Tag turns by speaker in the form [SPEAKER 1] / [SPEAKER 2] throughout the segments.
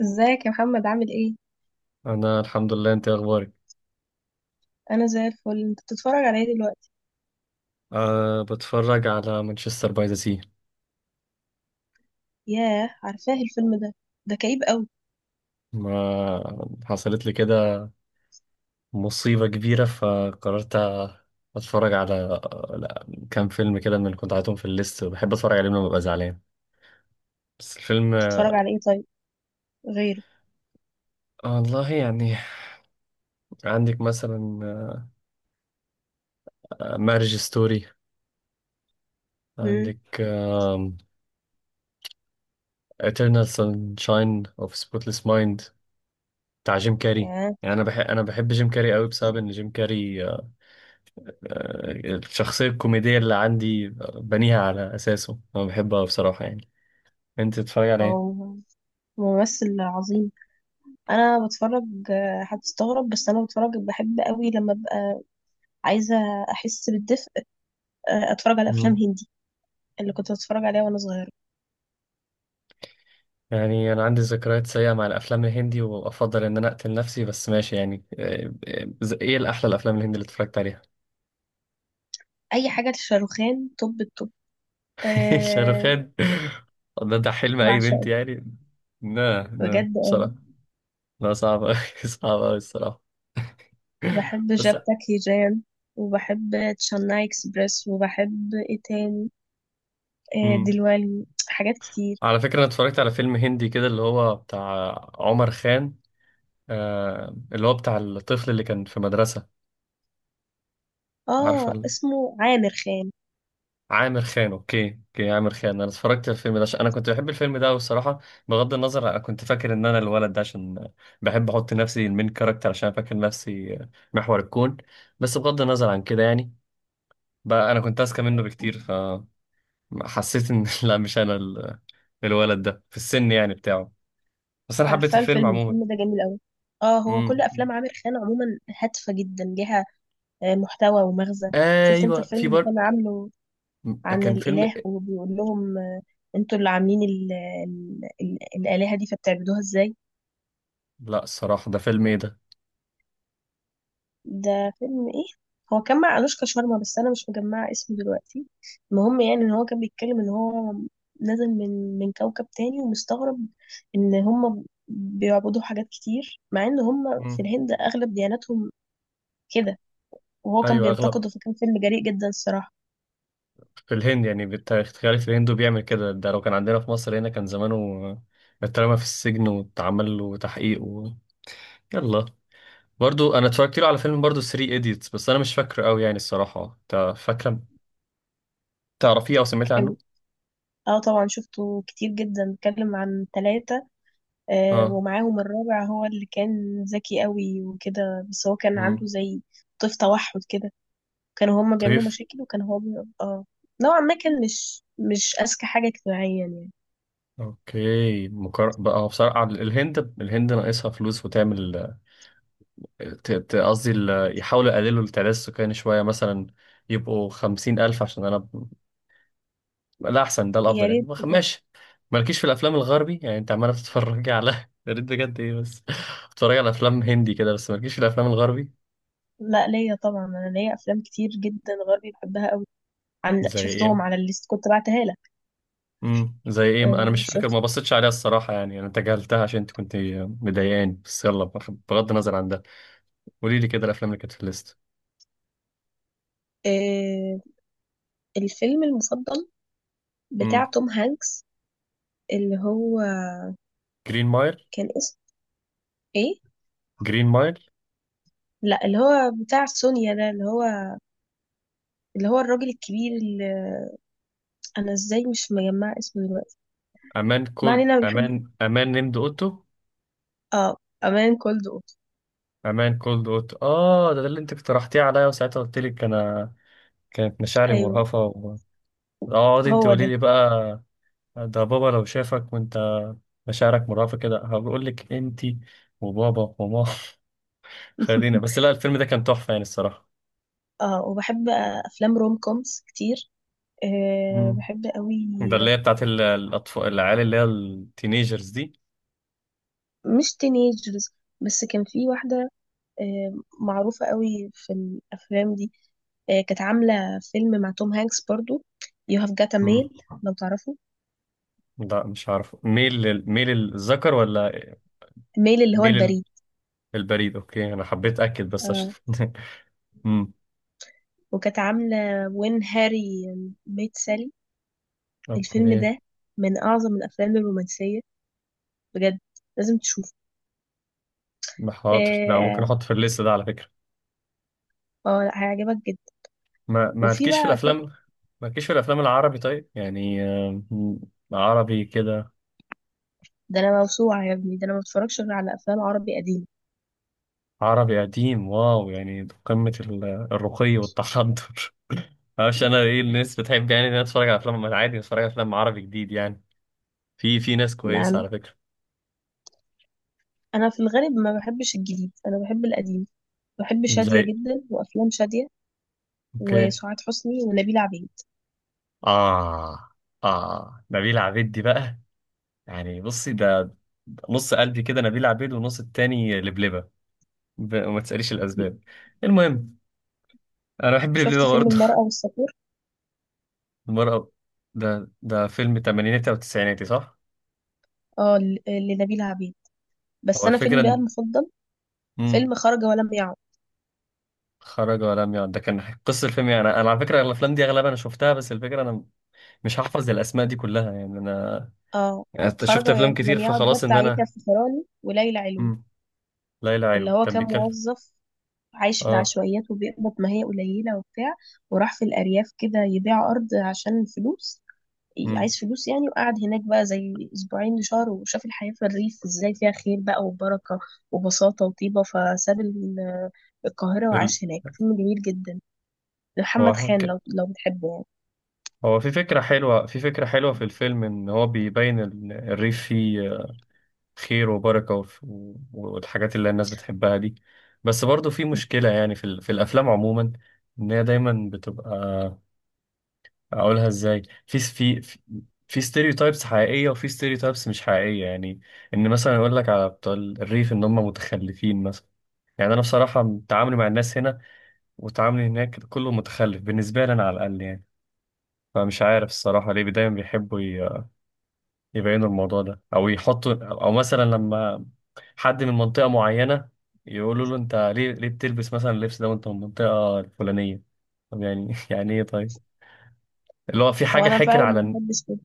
[SPEAKER 1] ازيك يا محمد؟ عامل ايه؟
[SPEAKER 2] انا الحمد لله. انت إيه اخبارك؟
[SPEAKER 1] انا زي الفل. انت بتتفرج على ايه دلوقتي؟
[SPEAKER 2] بتفرج على مانشستر باي ذا سي.
[SPEAKER 1] ياه، عارفاه الفيلم ده. ده كئيب قوي.
[SPEAKER 2] ما حصلت لي كده، مصيبة كبيرة، فقررت اتفرج على، لا، كام فيلم كده من اللي كنت عايزهم في الليست وبحب اتفرج عليهم لما ببقى زعلان. بس الفيلم
[SPEAKER 1] بتتفرج على ايه طيب؟ غيره.
[SPEAKER 2] والله يعني. عندك مثلا مارج ستوري،
[SPEAKER 1] امم.
[SPEAKER 2] عندك Eternal Sunshine of Spotless Mind بتاع جيم كاري.
[SPEAKER 1] ياه،
[SPEAKER 2] يعني انا بحب جيم كاري قوي بسبب ان جيم كاري الشخصية الكوميدية اللي عندي بنيها على أساسه. أنا بحبها بصراحة يعني. أنت بتتفرج على إيه؟
[SPEAKER 1] هو ممثل عظيم. انا بتفرج. هتستغرب بس انا بتفرج بحب قوي لما ابقى عايزه احس بالدفء. اتفرج على افلام
[SPEAKER 2] مم.
[SPEAKER 1] هندي اللي كنت بتفرج عليها وانا صغيره.
[SPEAKER 2] يعني أنا عندي ذكريات سيئة مع الأفلام الهندي وأفضل إن أنا أقتل نفسي، بس ماشي يعني. إيه الأحلى الأفلام الهندي اللي اتفرجت عليها؟
[SPEAKER 1] اي حاجه لشاروخان، توب التوب. أه.
[SPEAKER 2] شاروخان، ده حلم أي بنت
[SPEAKER 1] بعشقه
[SPEAKER 2] يعني. لا لا
[SPEAKER 1] بجد آه،
[SPEAKER 2] بصراحة، لا صعب أوي. صعب أوي الصراحة.
[SPEAKER 1] بحب
[SPEAKER 2] بس
[SPEAKER 1] جابتك هيجان، وبحب تشاناي اكسبريس، وبحب ايه تاني،
[SPEAKER 2] مم.
[SPEAKER 1] دلوالي حاجات كتير.
[SPEAKER 2] على فكرة أنا اتفرجت على فيلم هندي كده اللي هو بتاع عمر خان، آه اللي هو بتاع الطفل اللي كان في مدرسة. عارفة
[SPEAKER 1] اه،
[SPEAKER 2] ال-
[SPEAKER 1] اسمه عامر خان.
[SPEAKER 2] عامر خان، اوكي اوكي، عامر خان. انا اتفرجت على الفيلم ده عشان انا كنت بحب الفيلم ده، والصراحة بغض النظر انا كنت فاكر ان انا الولد ده، عشان بحب احط نفسي المين كاركتر عشان فاكر نفسي محور الكون. بس بغض النظر عن كده يعني، بقى انا كنت اذكى منه بكتير، فحسيت ان لا مش انا ال- الولد ده في السن يعني بتاعه. بس انا حبيت
[SPEAKER 1] عارفه،
[SPEAKER 2] الفيلم
[SPEAKER 1] الفيلم
[SPEAKER 2] عموما.
[SPEAKER 1] الفيلم ده جميل قوي. اه، هو كل
[SPEAKER 2] امم،
[SPEAKER 1] افلام عامر خان عموما هادفه جدا، ليها محتوى ومغزى. شفت انت
[SPEAKER 2] ايوه
[SPEAKER 1] الفيلم
[SPEAKER 2] في
[SPEAKER 1] اللي
[SPEAKER 2] بر.
[SPEAKER 1] كان عامله عن
[SPEAKER 2] كان فيلم
[SPEAKER 1] الاله
[SPEAKER 2] إيه؟
[SPEAKER 1] وبيقول لهم انتوا اللي عاملين الالهه دي، فبتعبدوها ازاي؟
[SPEAKER 2] لا الصراحة ده فيلم ايه،
[SPEAKER 1] ده فيلم ايه؟ هو كان مع أنوشكا شارما، بس انا مش مجمعه اسمه دلوقتي. المهم يعني ان هو كان بيتكلم ان هو نازل من كوكب تاني، ومستغرب ان هم بيعبدوا حاجات كتير مع ان هم
[SPEAKER 2] ده
[SPEAKER 1] في الهند اغلب دياناتهم كده. وهو كان
[SPEAKER 2] ايوه. اغلب
[SPEAKER 1] بينتقده، فكان فيلم جريء جدا الصراحه.
[SPEAKER 2] في الهند يعني، بتخيل في الهند بيعمل كده، ده لو كان عندنا في مصر هنا كان زمانه اترمى في السجن واتعمل له تحقيق و... يلا. برضو انا اتفرجت له على فيلم برضو 3 ايديتس، بس انا مش فاكره قوي يعني الصراحه. انت فاكره، تعرفيه او سمعتي عنه؟
[SPEAKER 1] كان اه، طبعا شفته كتير جدا. اتكلم عن ثلاثة
[SPEAKER 2] اه،
[SPEAKER 1] ومعاهم الرابع، هو اللي كان ذكي قوي وكده، بس هو كان عنده
[SPEAKER 2] امم،
[SPEAKER 1] زي طيف توحد كده. كانوا هما
[SPEAKER 2] طيب.
[SPEAKER 1] بيعملوا مشاكل، وكان هو. اه، نوعا ما كان مش أذكى حاجة اجتماعيا يعني.
[SPEAKER 2] بقى هو بصراحه، الهند الهند ناقصها فلوس وتعمل، قصدي يحاولوا يقللوا التعداد السكاني شويه مثلا، يبقوا 50,000 عشان أنا، ده احسن ده
[SPEAKER 1] يا
[SPEAKER 2] الافضل يعني.
[SPEAKER 1] ريت.
[SPEAKER 2] ماشي. مالكيش في الافلام الغربي يعني، انت عماله بتتفرجي على يا ريت بجد، ايه بس، بتتفرجي على افلام هندي كده بس مالكيش في الافلام الغربي.
[SPEAKER 1] لا، ليا طبعا. انا ليا افلام كتير جدا غربي بحبها قوي. عن
[SPEAKER 2] زي ايه؟
[SPEAKER 1] شفتهم على الليست كنت بعتها لك.
[SPEAKER 2] زي ايه، انا
[SPEAKER 1] آه،
[SPEAKER 2] مش فاكر،
[SPEAKER 1] شفت.
[SPEAKER 2] ما بصيتش عليها الصراحه يعني، انا تجاهلتها عشان انت كنت مضايقاني. بس يلا، بغض النظر عن ده، قولي لي كده الافلام اللي كانت في الليست.
[SPEAKER 1] آه، الفيلم المفضل بتاع
[SPEAKER 2] امم،
[SPEAKER 1] توم هانكس، اللي هو
[SPEAKER 2] جرين مايل،
[SPEAKER 1] كان اسمه ايه؟
[SPEAKER 2] جرين مايل،
[SPEAKER 1] لا، اللي هو بتاع سونيا ده، اللي هو الراجل الكبير اللي انا ازاي مش مجمع اسمه دلوقتي.
[SPEAKER 2] امان
[SPEAKER 1] ما
[SPEAKER 2] كولد
[SPEAKER 1] علينا. بحب.
[SPEAKER 2] امان، امان نيمد اوتو،
[SPEAKER 1] اه، امان كولد، اوبس.
[SPEAKER 2] امان كولد اوتو. اه ده, ده اللي انت اقترحتيه عليا وساعتها قلت لك انا كانت مشاعري
[SPEAKER 1] ايوه،
[SPEAKER 2] مرهفة. اقعد انت
[SPEAKER 1] هو
[SPEAKER 2] قولي
[SPEAKER 1] ده.
[SPEAKER 2] لي بقى. ده بابا لو شافك وانت مشاعرك مرهفة كده هقول لك انت وبابا وماما خلينا بس، لا الفيلم ده كان تحفة يعني الصراحة.
[SPEAKER 1] اه، وبحب افلام روم كومز كتير. أه،
[SPEAKER 2] مم.
[SPEAKER 1] بحب قوي.
[SPEAKER 2] ده اللي هي بتاعت الأطفال العيال اللي هي التينيجرز دي.
[SPEAKER 1] مش تينيجرز، بس كان في واحده أه معروفه قوي في الافلام دي. أه، كانت عامله فيلم مع توم هانكس برضو، يو هاف جات
[SPEAKER 2] مم.
[SPEAKER 1] ميل. لو تعرفه.
[SPEAKER 2] لا مش عارف، ميل ميل الذكر ولا
[SPEAKER 1] ميل اللي هو
[SPEAKER 2] ميل
[SPEAKER 1] البريد.
[SPEAKER 2] البريد؟ اوكي، انا حبيت اكد بس عشان
[SPEAKER 1] اه،
[SPEAKER 2] مم.
[SPEAKER 1] وكانت عامله وين هاري ميت سالي. الفيلم
[SPEAKER 2] اوكي،
[SPEAKER 1] ده من اعظم الافلام الرومانسيه بجد. لازم تشوفه.
[SPEAKER 2] حاضر، لا ممكن
[SPEAKER 1] اه،
[SPEAKER 2] احط في الليست ده على فكرة.
[SPEAKER 1] هيعجبك جدا.
[SPEAKER 2] ما
[SPEAKER 1] وفي
[SPEAKER 2] مالكيش في
[SPEAKER 1] بقى.
[SPEAKER 2] الافلام، مالكيش في الافلام العربي طيب يعني، عربي كده.
[SPEAKER 1] ده انا موسوعه يا ابني، ده انا ما بتفرجش غير على افلام عربي قديمه.
[SPEAKER 2] عربي قديم، واو، يعني قمة الرقي والتحضر. معرفش انا ايه، الناس بتحب يعني إن أنا اتفرج على افلام عادي، اتفرج على افلام عربي جديد يعني، في في ناس
[SPEAKER 1] لا،
[SPEAKER 2] كويسة
[SPEAKER 1] انا
[SPEAKER 2] على فكرة.
[SPEAKER 1] انا في الغالب ما بحبش الجديد. انا بحب القديم. بحب
[SPEAKER 2] زي،
[SPEAKER 1] شاديه جدا، وافلام شاديه
[SPEAKER 2] اوكي،
[SPEAKER 1] وسعاد حسني ونبيلة عبيد.
[SPEAKER 2] اه. اه نبيل عبيد دي بقى، يعني بصي ده نص قلبي كده نبيل عبيد، ونص التاني لبلبة. وما تسأليش الأسباب. المهم، أنا بحب
[SPEAKER 1] شفت
[SPEAKER 2] لبلبة
[SPEAKER 1] فيلم
[SPEAKER 2] برضه
[SPEAKER 1] المرأة والصقور؟
[SPEAKER 2] المرأة، ده فيلم تمانيناتي أو تسعيناتي صح؟
[SPEAKER 1] اه، لنبيلة عبيد.
[SPEAKER 2] هو
[SPEAKER 1] بس انا
[SPEAKER 2] الفكرة
[SPEAKER 1] فيلم بقى
[SPEAKER 2] إن،
[SPEAKER 1] المفضل
[SPEAKER 2] مم.
[SPEAKER 1] فيلم خرج ولم يعد.
[SPEAKER 2] خرج ولم يعد، ده كان قصة الفيلم. يعني أنا أنا على فكرة الأفلام دي أغلبها أنا شفتها، بس الفكرة أنا مش هحفظ الأسماء دي كلها يعني أنا،
[SPEAKER 1] اه،
[SPEAKER 2] يعني أنت
[SPEAKER 1] خرج
[SPEAKER 2] شفت أفلام
[SPEAKER 1] ولم
[SPEAKER 2] كتير
[SPEAKER 1] يعد ده
[SPEAKER 2] فخلاص إن
[SPEAKER 1] بتاع يحيى
[SPEAKER 2] أنا.
[SPEAKER 1] الفخراني وليلى علوي.
[SPEAKER 2] مم. ليلى
[SPEAKER 1] اللي
[SPEAKER 2] علوي
[SPEAKER 1] هو
[SPEAKER 2] كان
[SPEAKER 1] كان
[SPEAKER 2] بيتكلم،
[SPEAKER 1] موظف عايش في
[SPEAKER 2] آه.
[SPEAKER 1] العشوائيات، وبيقبض ما هي قليلة وبتاع، وراح في الأرياف كده يبيع أرض عشان الفلوس.
[SPEAKER 2] مم.
[SPEAKER 1] عايز فلوس يعني، وقعد هناك بقى زي اسبوعين لشهر، وشاف الحياة في الريف ازاي فيها خير بقى، وبركة وبساطة وطيبة، فساب القاهرة
[SPEAKER 2] ال...
[SPEAKER 1] وعاش هناك. فيلم جميل جدا.
[SPEAKER 2] هو
[SPEAKER 1] محمد خان،
[SPEAKER 2] حك...
[SPEAKER 1] لو بتحبه يعني.
[SPEAKER 2] هو في فكرة حلوة، في فكرة حلوة في الفيلم، إن هو بيبين الريف فيه خير وبركة والحاجات اللي الناس بتحبها دي. بس برضو في مشكلة يعني في, في الأفلام عموما، إن هي دايما بتبقى، أقولها إزاي، في في ستيريوتايبس حقيقية وفي ستيريوتايبس مش حقيقية يعني. إن مثلا يقول لك على بتوع الريف إن هم متخلفين مثلا، يعني أنا بصراحة تعاملي مع الناس هنا وتعاملي هناك كله متخلف بالنسبة لي أنا على الأقل يعني. فمش عارف الصراحة ليه دايما بيحبوا يبينوا الموضوع ده، أو يحطوا، أو مثلا لما حد من منطقة معينة يقولوا له انت ليه، ليه بتلبس مثلا اللبس ده وانت من المنطقة الفلانية. طب يعني يعني ايه طيب، اللي هو في
[SPEAKER 1] هو
[SPEAKER 2] حاجة
[SPEAKER 1] انا
[SPEAKER 2] حكر
[SPEAKER 1] فعلا
[SPEAKER 2] على
[SPEAKER 1] ما بحبش كده.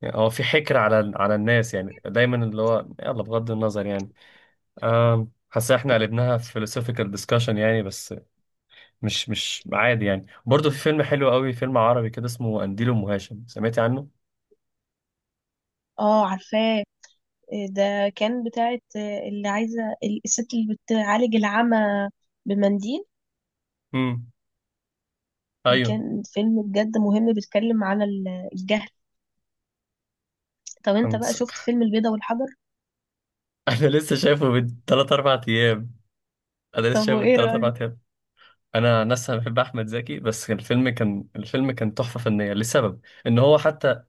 [SPEAKER 2] يعني هو في حكر على على الناس يعني؟ دايما اللي هو، يلا بغض النظر يعني. حاسس احنا قلبناها philosophical discussion يعني. بس مش مش عادي يعني. برضه في فيلم حلو قوي، فيلم عربي كده اسمه قنديل ام هاشم، سمعتي عنه؟
[SPEAKER 1] اه، عارفاه. إيه ده؟ كان بتاعت اللي عايزة الست اللي بتعالج العمى بمنديل.
[SPEAKER 2] امم،
[SPEAKER 1] دي
[SPEAKER 2] ايوه،
[SPEAKER 1] كان فيلم بجد مهم، بيتكلم على الجهل. طب انت
[SPEAKER 2] كان.
[SPEAKER 1] بقى شفت فيلم البيضة والحجر؟
[SPEAKER 2] انا لسه شايفه من 3 4 ايام، انا لسه
[SPEAKER 1] طب
[SPEAKER 2] شايفه من
[SPEAKER 1] وايه
[SPEAKER 2] 3 4
[SPEAKER 1] رأيك؟
[SPEAKER 2] ايام. انا نفسي بحب احمد زكي، بس الفيلم كان، الفيلم كان تحفه فنيه، لسبب ان هو حتى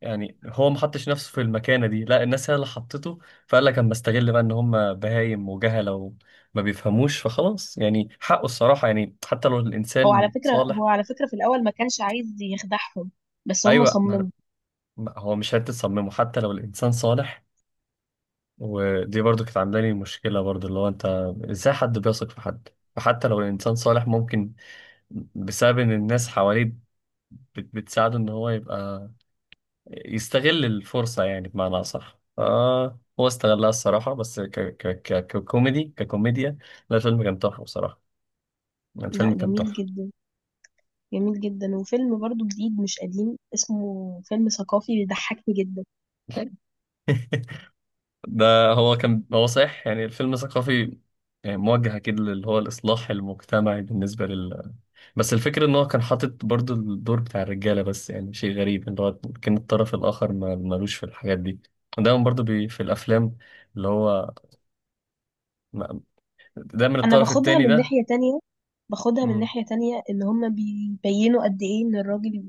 [SPEAKER 2] يعني هو ما حطش نفسه في المكانه دي، لا الناس هي اللي حطته، فقال لك اما استغل بقى، ان هم بهايم وجهله وما بيفهموش فخلاص يعني حقه الصراحه يعني، حتى لو
[SPEAKER 1] هو على
[SPEAKER 2] الانسان
[SPEAKER 1] فكرة
[SPEAKER 2] صالح.
[SPEAKER 1] هو على فكرة في الأول ما كانش عايز يخدعهم، بس هم
[SPEAKER 2] ايوه ما أنا-
[SPEAKER 1] صمموا.
[SPEAKER 2] ما- هو مش حته تصممه حتى لو الانسان صالح. ودي برضو كانت عامله لي مشكله، برضو اللي هو انت ازاي حد بيثق في حد. فحتى لو الانسان صالح ممكن بسبب ان الناس حواليه بتساعده ان هو يبقى يستغل الفرصة، يعني بمعنى أصح آه هو استغلها الصراحة. بس ك ك ك ككوميدي ككوميديا، لا الفيلم كان تحفة بصراحة.
[SPEAKER 1] لا،
[SPEAKER 2] الفيلم كان
[SPEAKER 1] جميل
[SPEAKER 2] تحفة.
[SPEAKER 1] جدا جميل جدا. وفيلم برضو جديد مش قديم اسمه فيلم ثقافي، بيضحكني جدا.
[SPEAKER 2] ده هو كان، هو صحيح يعني الفيلم ثقافي، يعني موجه أكيد اللي هو الإصلاح المجتمعي بالنسبة لل. بس الفكرة إن هو كان حاطط برضو الدور بتاع الرجالة بس، يعني شيء غريب إن هو كان الطرف الآخر ملوش في الحاجات دي. دايما برضو بي في الأفلام اللي هو ما- دايما
[SPEAKER 1] أنا
[SPEAKER 2] الطرف
[SPEAKER 1] باخدها
[SPEAKER 2] التاني
[SPEAKER 1] من ناحية تانية باخدها من
[SPEAKER 2] ده،
[SPEAKER 1] ناحية تانية، إن هم بيبينوا قد إيه إن الراجل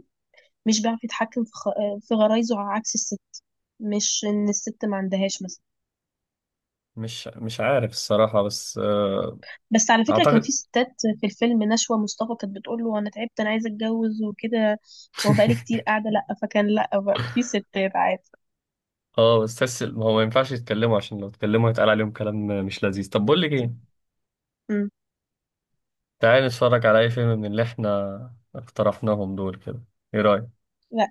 [SPEAKER 1] مش بيعرف يتحكم في غرايزه، على عكس الست. مش إن الست ما عندهاش مثلا.
[SPEAKER 2] مش مش عارف الصراحة بس
[SPEAKER 1] بس على فكرة كان في
[SPEAKER 2] أعتقد.
[SPEAKER 1] ستات. في الفيلم نشوى مصطفى كانت بتقول له انا تعبت، انا عايزة اتجوز وكده، وبقالي كتير قاعدة. لا فكان، لا بقى في ستات عادي.
[SPEAKER 2] اه بس تحس ما هو ما ينفعش يتكلموا، عشان لو اتكلموا هيتقال عليهم كلام مش لذيذ. طب بقول لك ايه،
[SPEAKER 1] امم.
[SPEAKER 2] تعالى نتفرج على اي فيلم من اللي احنا اقترحناهم دول كده، ايه رأيك؟
[SPEAKER 1] لا،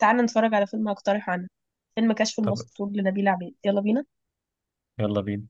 [SPEAKER 1] تعالى نتفرج على فيلم هقترحه انا. فيلم كشف
[SPEAKER 2] طب
[SPEAKER 1] المستور لنبيلة عبيد. يلا بينا.
[SPEAKER 2] يلا بينا.